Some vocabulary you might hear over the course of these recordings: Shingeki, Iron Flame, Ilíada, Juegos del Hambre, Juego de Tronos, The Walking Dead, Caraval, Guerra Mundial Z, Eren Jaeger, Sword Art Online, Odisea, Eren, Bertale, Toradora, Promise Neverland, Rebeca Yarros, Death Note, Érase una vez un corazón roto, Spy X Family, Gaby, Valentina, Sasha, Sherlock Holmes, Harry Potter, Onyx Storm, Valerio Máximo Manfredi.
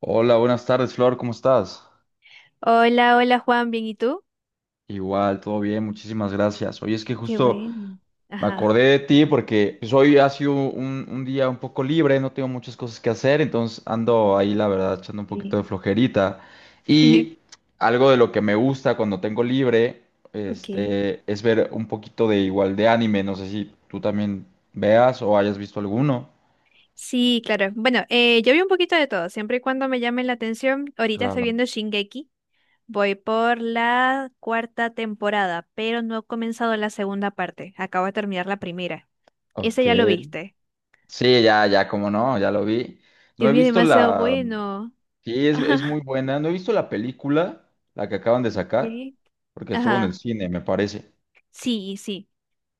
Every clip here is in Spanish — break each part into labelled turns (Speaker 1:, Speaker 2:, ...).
Speaker 1: Hola, buenas tardes, Flor, ¿cómo estás?
Speaker 2: Hola, hola Juan, ¿bien y tú?
Speaker 1: Igual, todo bien, muchísimas gracias. Oye, es que
Speaker 2: Qué
Speaker 1: justo
Speaker 2: bueno.
Speaker 1: me
Speaker 2: Ajá.
Speaker 1: acordé de ti porque pues, hoy ha sido un día un poco libre, no tengo muchas cosas que hacer, entonces ando ahí, la verdad, echando un poquito
Speaker 2: Sí.
Speaker 1: de flojerita. Y algo de lo que me gusta cuando tengo libre,
Speaker 2: Ok.
Speaker 1: es ver un poquito de igual de anime, no sé si tú también veas o hayas visto alguno.
Speaker 2: Sí, claro. Bueno, yo vi un poquito de todo, siempre y cuando me llame la atención. Ahorita estoy
Speaker 1: Claro.
Speaker 2: viendo Shingeki. Voy por la cuarta temporada, pero no he comenzado la segunda parte. Acabo de terminar la primera. Ese
Speaker 1: Ok.
Speaker 2: ya lo viste.
Speaker 1: Sí, ya, ya, como no, ya lo vi. No
Speaker 2: Dios
Speaker 1: he
Speaker 2: mío, es
Speaker 1: visto
Speaker 2: demasiado
Speaker 1: la.
Speaker 2: bueno.
Speaker 1: Sí, es muy
Speaker 2: Ajá.
Speaker 1: buena. No he visto la película, la que acaban de sacar,
Speaker 2: Sí.
Speaker 1: porque estuvo en el
Speaker 2: Ajá.
Speaker 1: cine, me parece.
Speaker 2: Sí, sí.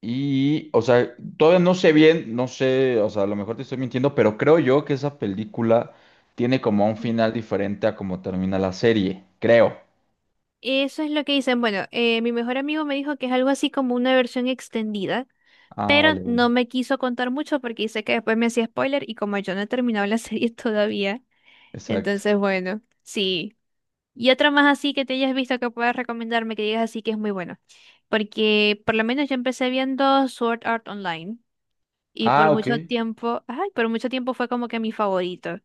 Speaker 1: Y, o sea, todavía no sé bien, no sé, o sea, a lo mejor te estoy mintiendo, pero creo yo que esa película tiene como un final diferente a como termina la serie, creo.
Speaker 2: Eso es lo que dicen. Bueno, mi mejor amigo me dijo que es algo así como una versión extendida.
Speaker 1: Ah,
Speaker 2: Pero
Speaker 1: vale,
Speaker 2: no
Speaker 1: vale.
Speaker 2: me quiso contar mucho porque dice que después me hacía spoiler y como yo no he terminado la serie todavía,
Speaker 1: Exacto.
Speaker 2: entonces bueno, sí. Y otra más así que te hayas visto que puedas recomendarme, que digas así que es muy bueno. Porque por lo menos yo empecé viendo Sword Art Online y por
Speaker 1: Ah, ok.
Speaker 2: mucho tiempo, ay, por mucho tiempo fue como que mi favorito.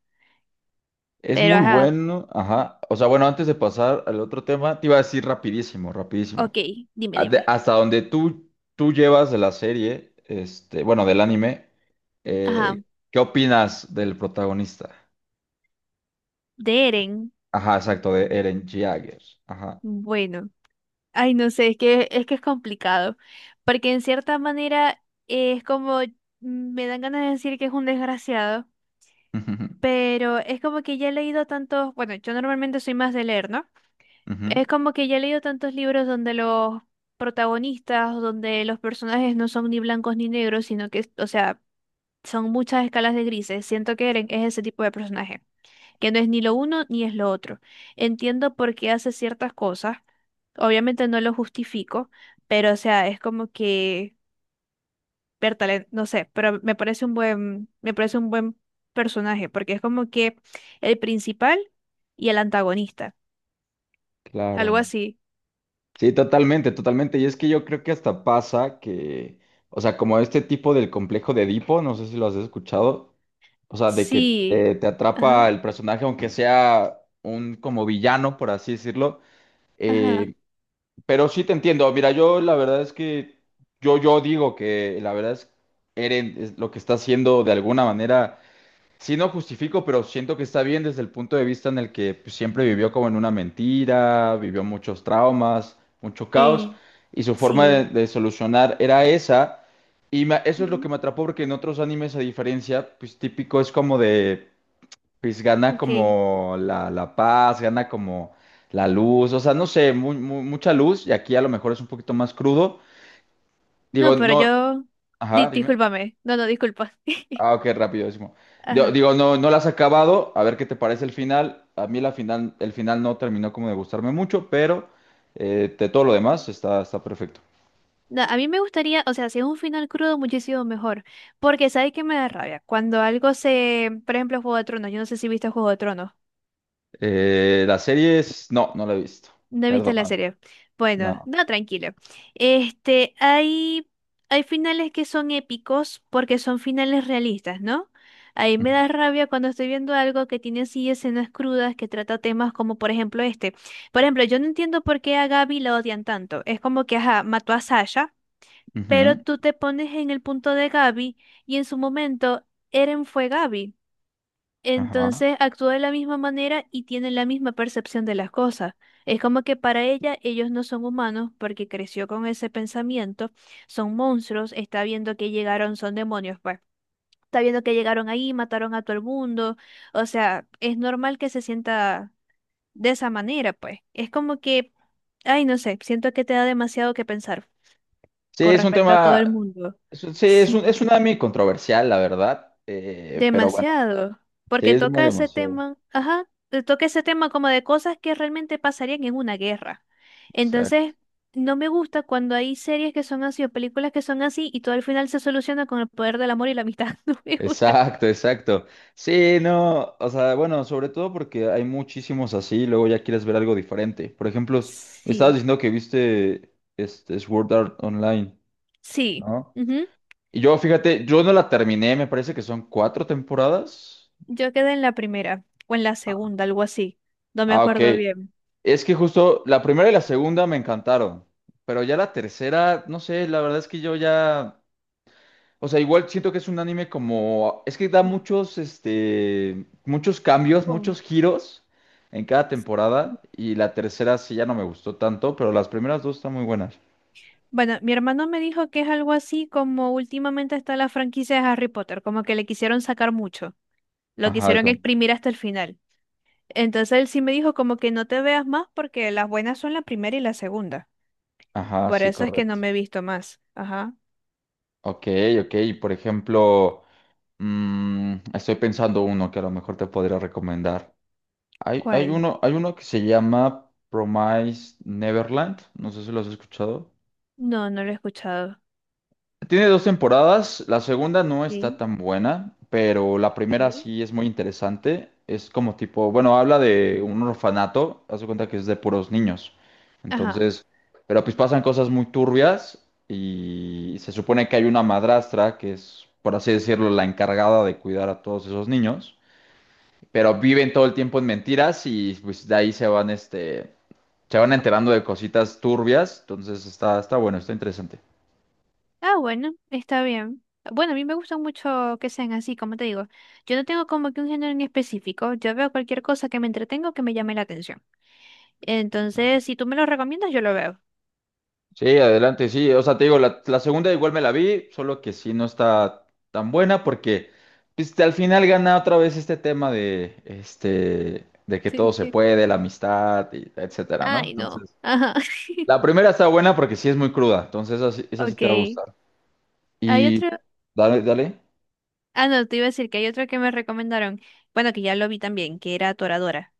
Speaker 1: Es
Speaker 2: Pero
Speaker 1: muy
Speaker 2: ajá,
Speaker 1: bueno. Ajá. O sea, bueno, antes de pasar al otro tema, te iba a decir rapidísimo, rapidísimo.
Speaker 2: ok, dime, dime.
Speaker 1: Hasta donde tú llevas de la serie, bueno, del anime,
Speaker 2: Ajá,
Speaker 1: eh, ¿qué opinas del protagonista?
Speaker 2: de Eren,
Speaker 1: Ajá, exacto, de Eren Jaeger. Ajá.
Speaker 2: bueno. Ay, no sé, es que es complicado, porque en cierta manera es como me dan ganas de decir que es un desgraciado, pero es como que ya he leído tantos, bueno, yo normalmente soy más de leer, ¿no?
Speaker 1: Ujú.
Speaker 2: Es como que ya he leído tantos libros donde los protagonistas, donde los personajes no son ni blancos ni negros, sino que, o sea, son muchas escalas de grises. Siento que Eren es ese tipo de personaje que no es ni lo uno ni es lo otro. Entiendo por qué hace ciertas cosas, obviamente no lo justifico, pero o sea, es como que, Bertale, no sé, pero me parece un buen personaje, porque es como que el principal y el antagonista, algo
Speaker 1: Claro.
Speaker 2: así.
Speaker 1: Sí, totalmente, totalmente. Y es que yo creo que hasta pasa que, o sea, como este tipo del complejo de Edipo, no sé si lo has escuchado, o sea, de que
Speaker 2: Sí,
Speaker 1: te
Speaker 2: ajá,
Speaker 1: atrapa el personaje, aunque sea un como villano, por así decirlo.
Speaker 2: ajá,
Speaker 1: eh, Pero sí te entiendo. Mira, yo la verdad es que yo digo que la verdad es Eren es lo que está haciendo de alguna manera. Sí no justifico, pero siento que está bien desde el punto de vista en el que pues, siempre vivió como en una mentira, vivió muchos traumas, mucho caos,
Speaker 2: eh,
Speaker 1: y su forma
Speaker 2: sí,
Speaker 1: de solucionar era esa. Eso es lo
Speaker 2: mm,
Speaker 1: que me atrapó porque en otros animes, a diferencia, pues típico es como de pues gana
Speaker 2: ok.
Speaker 1: como la paz, gana como la luz, o sea, no sé, mucha luz y aquí a lo mejor es un poquito más crudo. Digo,
Speaker 2: No, pero
Speaker 1: no,
Speaker 2: yo,
Speaker 1: ajá, dime.
Speaker 2: discúlpame, no, no, disculpa.
Speaker 1: Ah, ok, rapidísimo. Digo,
Speaker 2: Ajá.
Speaker 1: digo, no, no la has acabado, a ver qué te parece el final. A mí la final, el final no terminó como de gustarme mucho, pero de todo lo demás está, está perfecto.
Speaker 2: No, a mí me gustaría, o sea, si es un final crudo, muchísimo mejor. Porque, ¿sabes qué me da rabia? Cuando algo se. Por ejemplo, Juego de Tronos. Yo no sé si viste Juego de Tronos.
Speaker 1: La serie es, no, no la he visto,
Speaker 2: No viste la
Speaker 1: perdóname,
Speaker 2: serie. Bueno,
Speaker 1: no.
Speaker 2: no, tranquilo. Este, hay. Hay finales que son épicos porque son finales realistas, ¿no? Ahí me
Speaker 1: Ujú,
Speaker 2: da rabia cuando estoy viendo algo que tiene así escenas crudas que trata temas como, por ejemplo, este. Por ejemplo, yo no entiendo por qué a Gaby la odian tanto. Es como que, ajá, mató a Sasha. Pero
Speaker 1: ujú,
Speaker 2: tú te pones en el punto de Gaby y en su momento Eren fue Gaby.
Speaker 1: Ajá.
Speaker 2: Entonces actúa de la misma manera y tiene la misma percepción de las cosas. Es como que para ella ellos no son humanos porque creció con ese pensamiento, son monstruos, está viendo que llegaron, son demonios, pues. Está viendo que llegaron ahí, mataron a todo el mundo. O sea, es normal que se sienta de esa manera, pues. Es como que, ay, no sé, siento que te da demasiado que pensar
Speaker 1: Sí,
Speaker 2: con
Speaker 1: es un
Speaker 2: respecto a todo
Speaker 1: tema.
Speaker 2: el mundo.
Speaker 1: Sí, es es
Speaker 2: Sí.
Speaker 1: un anime controversial, la verdad, pero bueno,
Speaker 2: Demasiado,
Speaker 1: sí,
Speaker 2: porque
Speaker 1: es muy
Speaker 2: toca ese
Speaker 1: demasiado.
Speaker 2: tema, ajá, toca ese tema como de cosas que realmente pasarían en una guerra.
Speaker 1: Exacto,
Speaker 2: Entonces, no me gusta cuando hay series que son así o películas que son así y todo al final se soluciona con el poder del amor y la amistad. No me gusta.
Speaker 1: exacto, exacto. Sí, no, o sea, bueno, sobre todo porque hay muchísimos así, y luego ya quieres ver algo diferente. Por ejemplo, me estabas
Speaker 2: Sí,
Speaker 1: diciendo que viste este Sword Art Online,
Speaker 2: sí.
Speaker 1: ¿no?
Speaker 2: Ujú.
Speaker 1: Y yo, fíjate, yo no la terminé, me parece que son cuatro temporadas.
Speaker 2: Yo quedé en la primera o en la segunda, algo así. No me
Speaker 1: Ah, ok.
Speaker 2: acuerdo bien.
Speaker 1: Es que justo la primera y la segunda me encantaron, pero ya la tercera, no sé, la verdad es que yo ya... O sea, igual siento que es un anime como... Es que da muchos, muchos cambios,
Speaker 2: Oh.
Speaker 1: muchos giros en cada temporada. Y la tercera sí ya no me gustó tanto, pero las primeras dos están muy buenas.
Speaker 2: Bueno, mi hermano me dijo que es algo así como últimamente está la franquicia de Harry Potter, como que le quisieron sacar mucho. Lo
Speaker 1: Ajá,
Speaker 2: quisieron
Speaker 1: con
Speaker 2: exprimir hasta el final. Entonces él sí me dijo como que no te veas más porque las buenas son la primera y la segunda.
Speaker 1: ajá,
Speaker 2: Por
Speaker 1: sí,
Speaker 2: eso es que no
Speaker 1: correcto.
Speaker 2: me he visto más. Ajá.
Speaker 1: Ok, ok. Y por ejemplo, mm, estoy pensando uno que a lo mejor te podría recomendar.
Speaker 2: ¿Cuál?
Speaker 1: Hay uno que se llama Promise Neverland. No sé si lo has escuchado.
Speaker 2: No, no lo he escuchado.
Speaker 1: Tiene dos temporadas, la segunda no está
Speaker 2: Ok,
Speaker 1: tan buena, pero la primera
Speaker 2: ok.
Speaker 1: sí es muy interesante. Es como tipo, bueno, habla de un orfanato, haz de cuenta que es de puros niños.
Speaker 2: Ajá.
Speaker 1: Entonces, pero pues pasan cosas muy turbias y se supone que hay una madrastra que es, por así decirlo, la encargada de cuidar a todos esos niños, pero viven todo el tiempo en mentiras y pues de ahí se van, se van
Speaker 2: O-
Speaker 1: enterando de cositas turbias. Entonces está, está bueno, está interesante.
Speaker 2: Ah, bueno, está bien. Bueno, a mí me gusta mucho que sean así, como te digo. Yo no tengo como que un género en específico. Yo veo cualquier cosa que me entretenga o que me llame la atención. Entonces, si tú me lo recomiendas, yo lo veo.
Speaker 1: Sí, adelante, sí. O sea, te digo, la segunda igual me la vi, solo que sí no está tan buena porque pues, al final gana otra vez este tema de, de que
Speaker 2: Sí,
Speaker 1: todo se
Speaker 2: que-
Speaker 1: puede, la amistad, y etcétera, ¿no?
Speaker 2: Ay, no.
Speaker 1: Entonces,
Speaker 2: Ajá.
Speaker 1: la primera está buena porque sí es muy cruda, entonces esa, esa sí
Speaker 2: Ok.
Speaker 1: te va a gustar.
Speaker 2: Hay
Speaker 1: Y
Speaker 2: otro.
Speaker 1: dale, dale.
Speaker 2: Ah, no, te iba a decir que hay otro que me recomendaron. Bueno, que ya lo vi también, que era Toradora.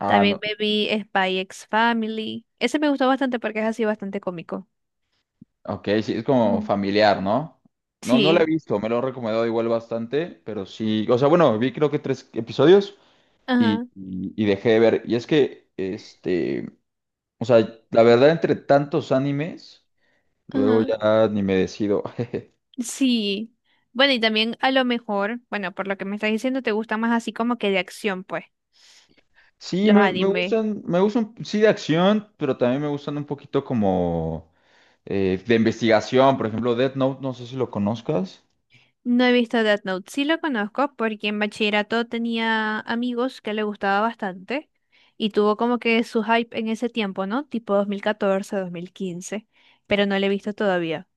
Speaker 1: Ah,
Speaker 2: También
Speaker 1: no.
Speaker 2: me vi Spy X Family. Ese me gustó bastante porque es así bastante cómico.
Speaker 1: Ok, sí, es como
Speaker 2: Ujú.
Speaker 1: familiar, ¿no? No, no la he
Speaker 2: Sí.
Speaker 1: visto, me lo han recomendado igual bastante, pero sí. O sea, bueno, vi creo que tres episodios.
Speaker 2: Ajá,
Speaker 1: Y dejé de ver. Y es que, o sea, la verdad, entre tantos animes, luego
Speaker 2: ajá.
Speaker 1: ya ni me decido.
Speaker 2: Sí. Bueno, y también a lo mejor, bueno, por lo que me estás diciendo, te gusta más así como que de acción, pues,
Speaker 1: Sí,
Speaker 2: los animes.
Speaker 1: me gustan, sí, de acción, pero también me gustan un poquito como de investigación. Por ejemplo, Death Note, no sé si lo conozcas.
Speaker 2: No he visto Death Note. Sí lo conozco porque en bachillerato tenía amigos que le gustaba bastante y tuvo como que su hype en ese tiempo, ¿no? Tipo 2014 2015 pero no lo he visto todavía.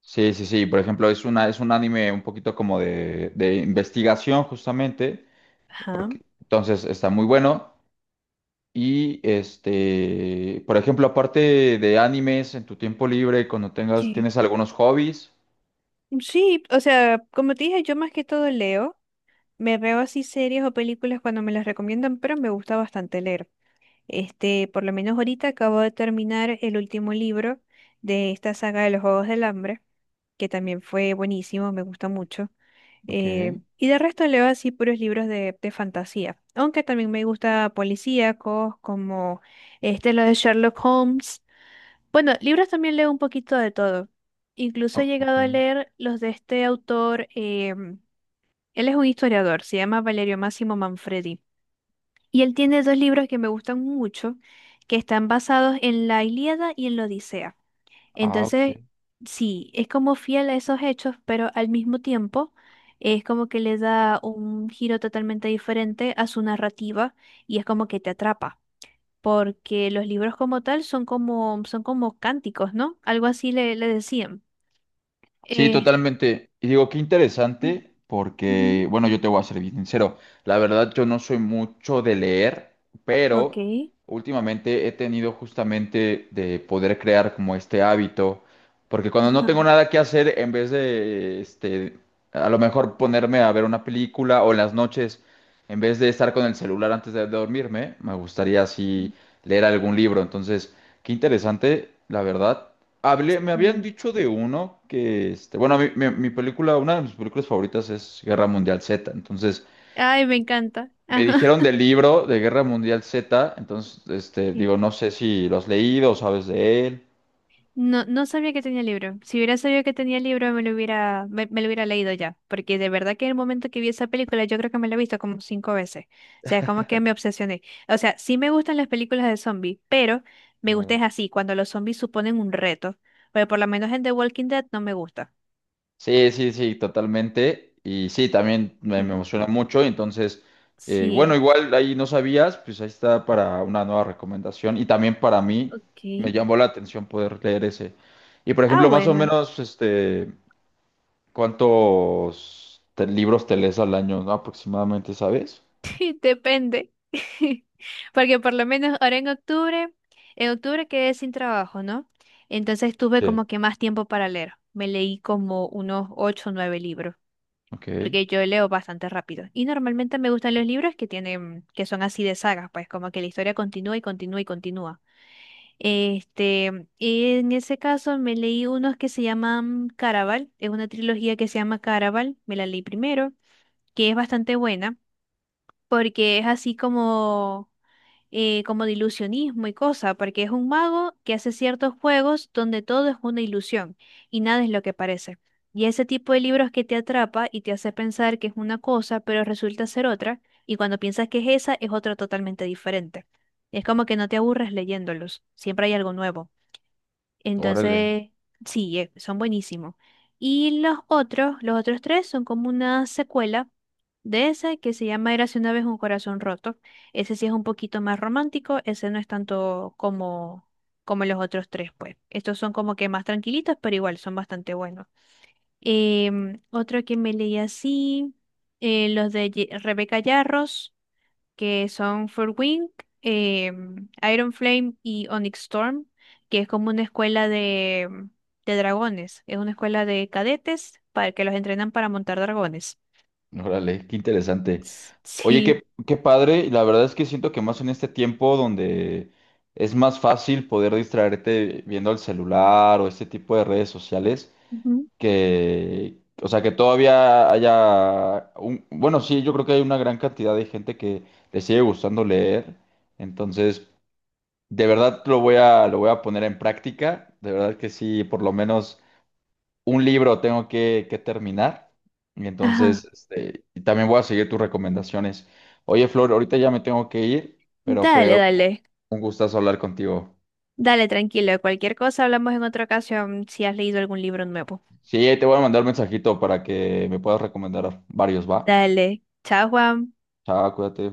Speaker 1: Sí, sí, sí. Por ejemplo, es un anime un poquito como de investigación, justamente.
Speaker 2: Ajá.
Speaker 1: Porque, entonces está muy bueno. Y este, por ejemplo, aparte de animes, en tu tiempo libre, cuando tengas,
Speaker 2: Que
Speaker 1: tienes algunos hobbies.
Speaker 2: Sí, o sea, como te dije, yo más que todo leo, me veo así series o películas cuando me las recomiendan, pero me gusta bastante leer. Este, por lo menos ahorita acabo de terminar el último libro de esta saga de los Juegos del Hambre, que también fue buenísimo, me gusta mucho.
Speaker 1: Ok,
Speaker 2: Y de resto leo así puros libros de fantasía, aunque también me gusta policíacos como este, lo de Sherlock Holmes. Bueno, libros también leo un poquito de todo. Incluso he
Speaker 1: ok.
Speaker 2: llegado a leer los de este autor, él es un historiador, se llama Valerio Máximo Manfredi. Y él tiene dos libros que me gustan mucho, que están basados en la Ilíada y en la Odisea.
Speaker 1: Ah, ok.
Speaker 2: Entonces, sí, es como fiel a esos hechos, pero al mismo tiempo es como que le da un giro totalmente diferente a su narrativa y es como que te atrapa, porque los libros como tal son como cánticos, ¿no? Algo así le decían.
Speaker 1: Sí,
Speaker 2: Es-
Speaker 1: totalmente. Y digo, qué interesante, porque,
Speaker 2: Ujú.
Speaker 1: bueno, yo te voy a ser bien sincero. La verdad, yo no soy mucho de leer,
Speaker 2: Ok.
Speaker 1: pero últimamente he tenido justamente de poder crear como este hábito, porque cuando no
Speaker 2: Ajá.
Speaker 1: tengo nada que hacer, en vez de, a lo mejor ponerme a ver una película o en las noches, en vez de estar con el celular antes de dormirme, me gustaría así leer algún libro. Entonces, qué interesante, la verdad. Hablé, me habían
Speaker 2: Ujú.
Speaker 1: dicho de uno que, este, bueno, mi película, una de mis películas favoritas es Guerra Mundial Z, entonces
Speaker 2: Ay, me encanta.
Speaker 1: me
Speaker 2: Ajá.
Speaker 1: dijeron del libro de Guerra Mundial Z, entonces,
Speaker 2: Ok.
Speaker 1: digo, no sé si lo has leído o sabes de él.
Speaker 2: No, no sabía que tenía libro. Si hubiera sabido que tenía libro, me lo hubiera leído ya. Porque de verdad que en el momento que vi esa película, yo creo que me la he visto como cinco veces. O sea, es como que me obsesioné. O sea, sí me gustan las películas de zombies, pero me gusta
Speaker 1: Claro.
Speaker 2: es así, cuando los zombies suponen un reto. Pero por lo menos en The Walking Dead no me gusta.
Speaker 1: Sí, sí, sí, totalmente. Y sí, también me
Speaker 2: Mm.
Speaker 1: emociona mucho. Entonces, bueno,
Speaker 2: Sí,
Speaker 1: igual ahí no sabías, pues ahí está para una nueva recomendación. Y también para mí
Speaker 2: ok.
Speaker 1: me llamó la atención poder leer ese. Y por
Speaker 2: Ah,
Speaker 1: ejemplo, más o
Speaker 2: bueno.
Speaker 1: menos, este, ¿cuántos libros te lees al año, no? ¿Aproximadamente, sabes?
Speaker 2: Depende. Porque por lo menos ahora en octubre quedé sin trabajo, ¿no? Entonces tuve
Speaker 1: Sí.
Speaker 2: como que más tiempo para leer. Me leí como unos ocho o nueve libros,
Speaker 1: Ok,
Speaker 2: porque yo leo bastante rápido. Y normalmente me gustan los libros que tienen, que son así de sagas, pues como que la historia continúa y continúa y continúa. Este, en ese caso me leí unos que se llaman Caraval, es una trilogía que se llama Caraval, me la leí primero, que es bastante buena, porque es así como como de ilusionismo y cosa, porque es un mago que hace ciertos juegos donde todo es una ilusión y nada es lo que parece. Y ese tipo de libros que te atrapa y te hace pensar que es una cosa, pero resulta ser otra, y cuando piensas que es esa, es otra totalmente diferente. Es como que no te aburres leyéndolos, siempre hay algo nuevo.
Speaker 1: órale,
Speaker 2: Entonces, sí, son buenísimos. Y los otros tres son como una secuela de ese que se llama Érase una vez un corazón roto. Ese sí es un poquito más romántico, ese no es tanto como, como los otros tres, pues. Estos son como que más tranquilitos, pero igual son bastante buenos. Otro que me leí así, los de Rebeca Yarros que son Wing, eh, Iron Flame y Onyx Storm, que es como una escuela de, de dragones. Es una escuela de cadetes para que los entrenan para montar dragones.
Speaker 1: órale, qué interesante. Oye,
Speaker 2: Sí.
Speaker 1: qué, qué padre, y la verdad es que siento que más en este tiempo donde es más fácil poder distraerte viendo el celular o este tipo de redes sociales,
Speaker 2: Ujú.
Speaker 1: que, o sea, que todavía haya, un, bueno, sí, yo creo que hay una gran cantidad de gente que le sigue gustando leer, entonces... De verdad lo voy a poner en práctica. De verdad que sí, por lo menos un libro tengo que terminar. Y entonces,
Speaker 2: Ajá.
Speaker 1: y también voy a seguir tus recomendaciones. Oye, Flor, ahorita ya me tengo que ir, pero fue
Speaker 2: Dale, dale.
Speaker 1: un gustazo hablar contigo.
Speaker 2: Dale, tranquilo. Cualquier cosa hablamos en otra ocasión si has leído algún libro nuevo.
Speaker 1: Sí, te voy a mandar un mensajito para que me puedas recomendar varios, ¿va?
Speaker 2: Dale. Chao, Juan.
Speaker 1: Chao, cuídate.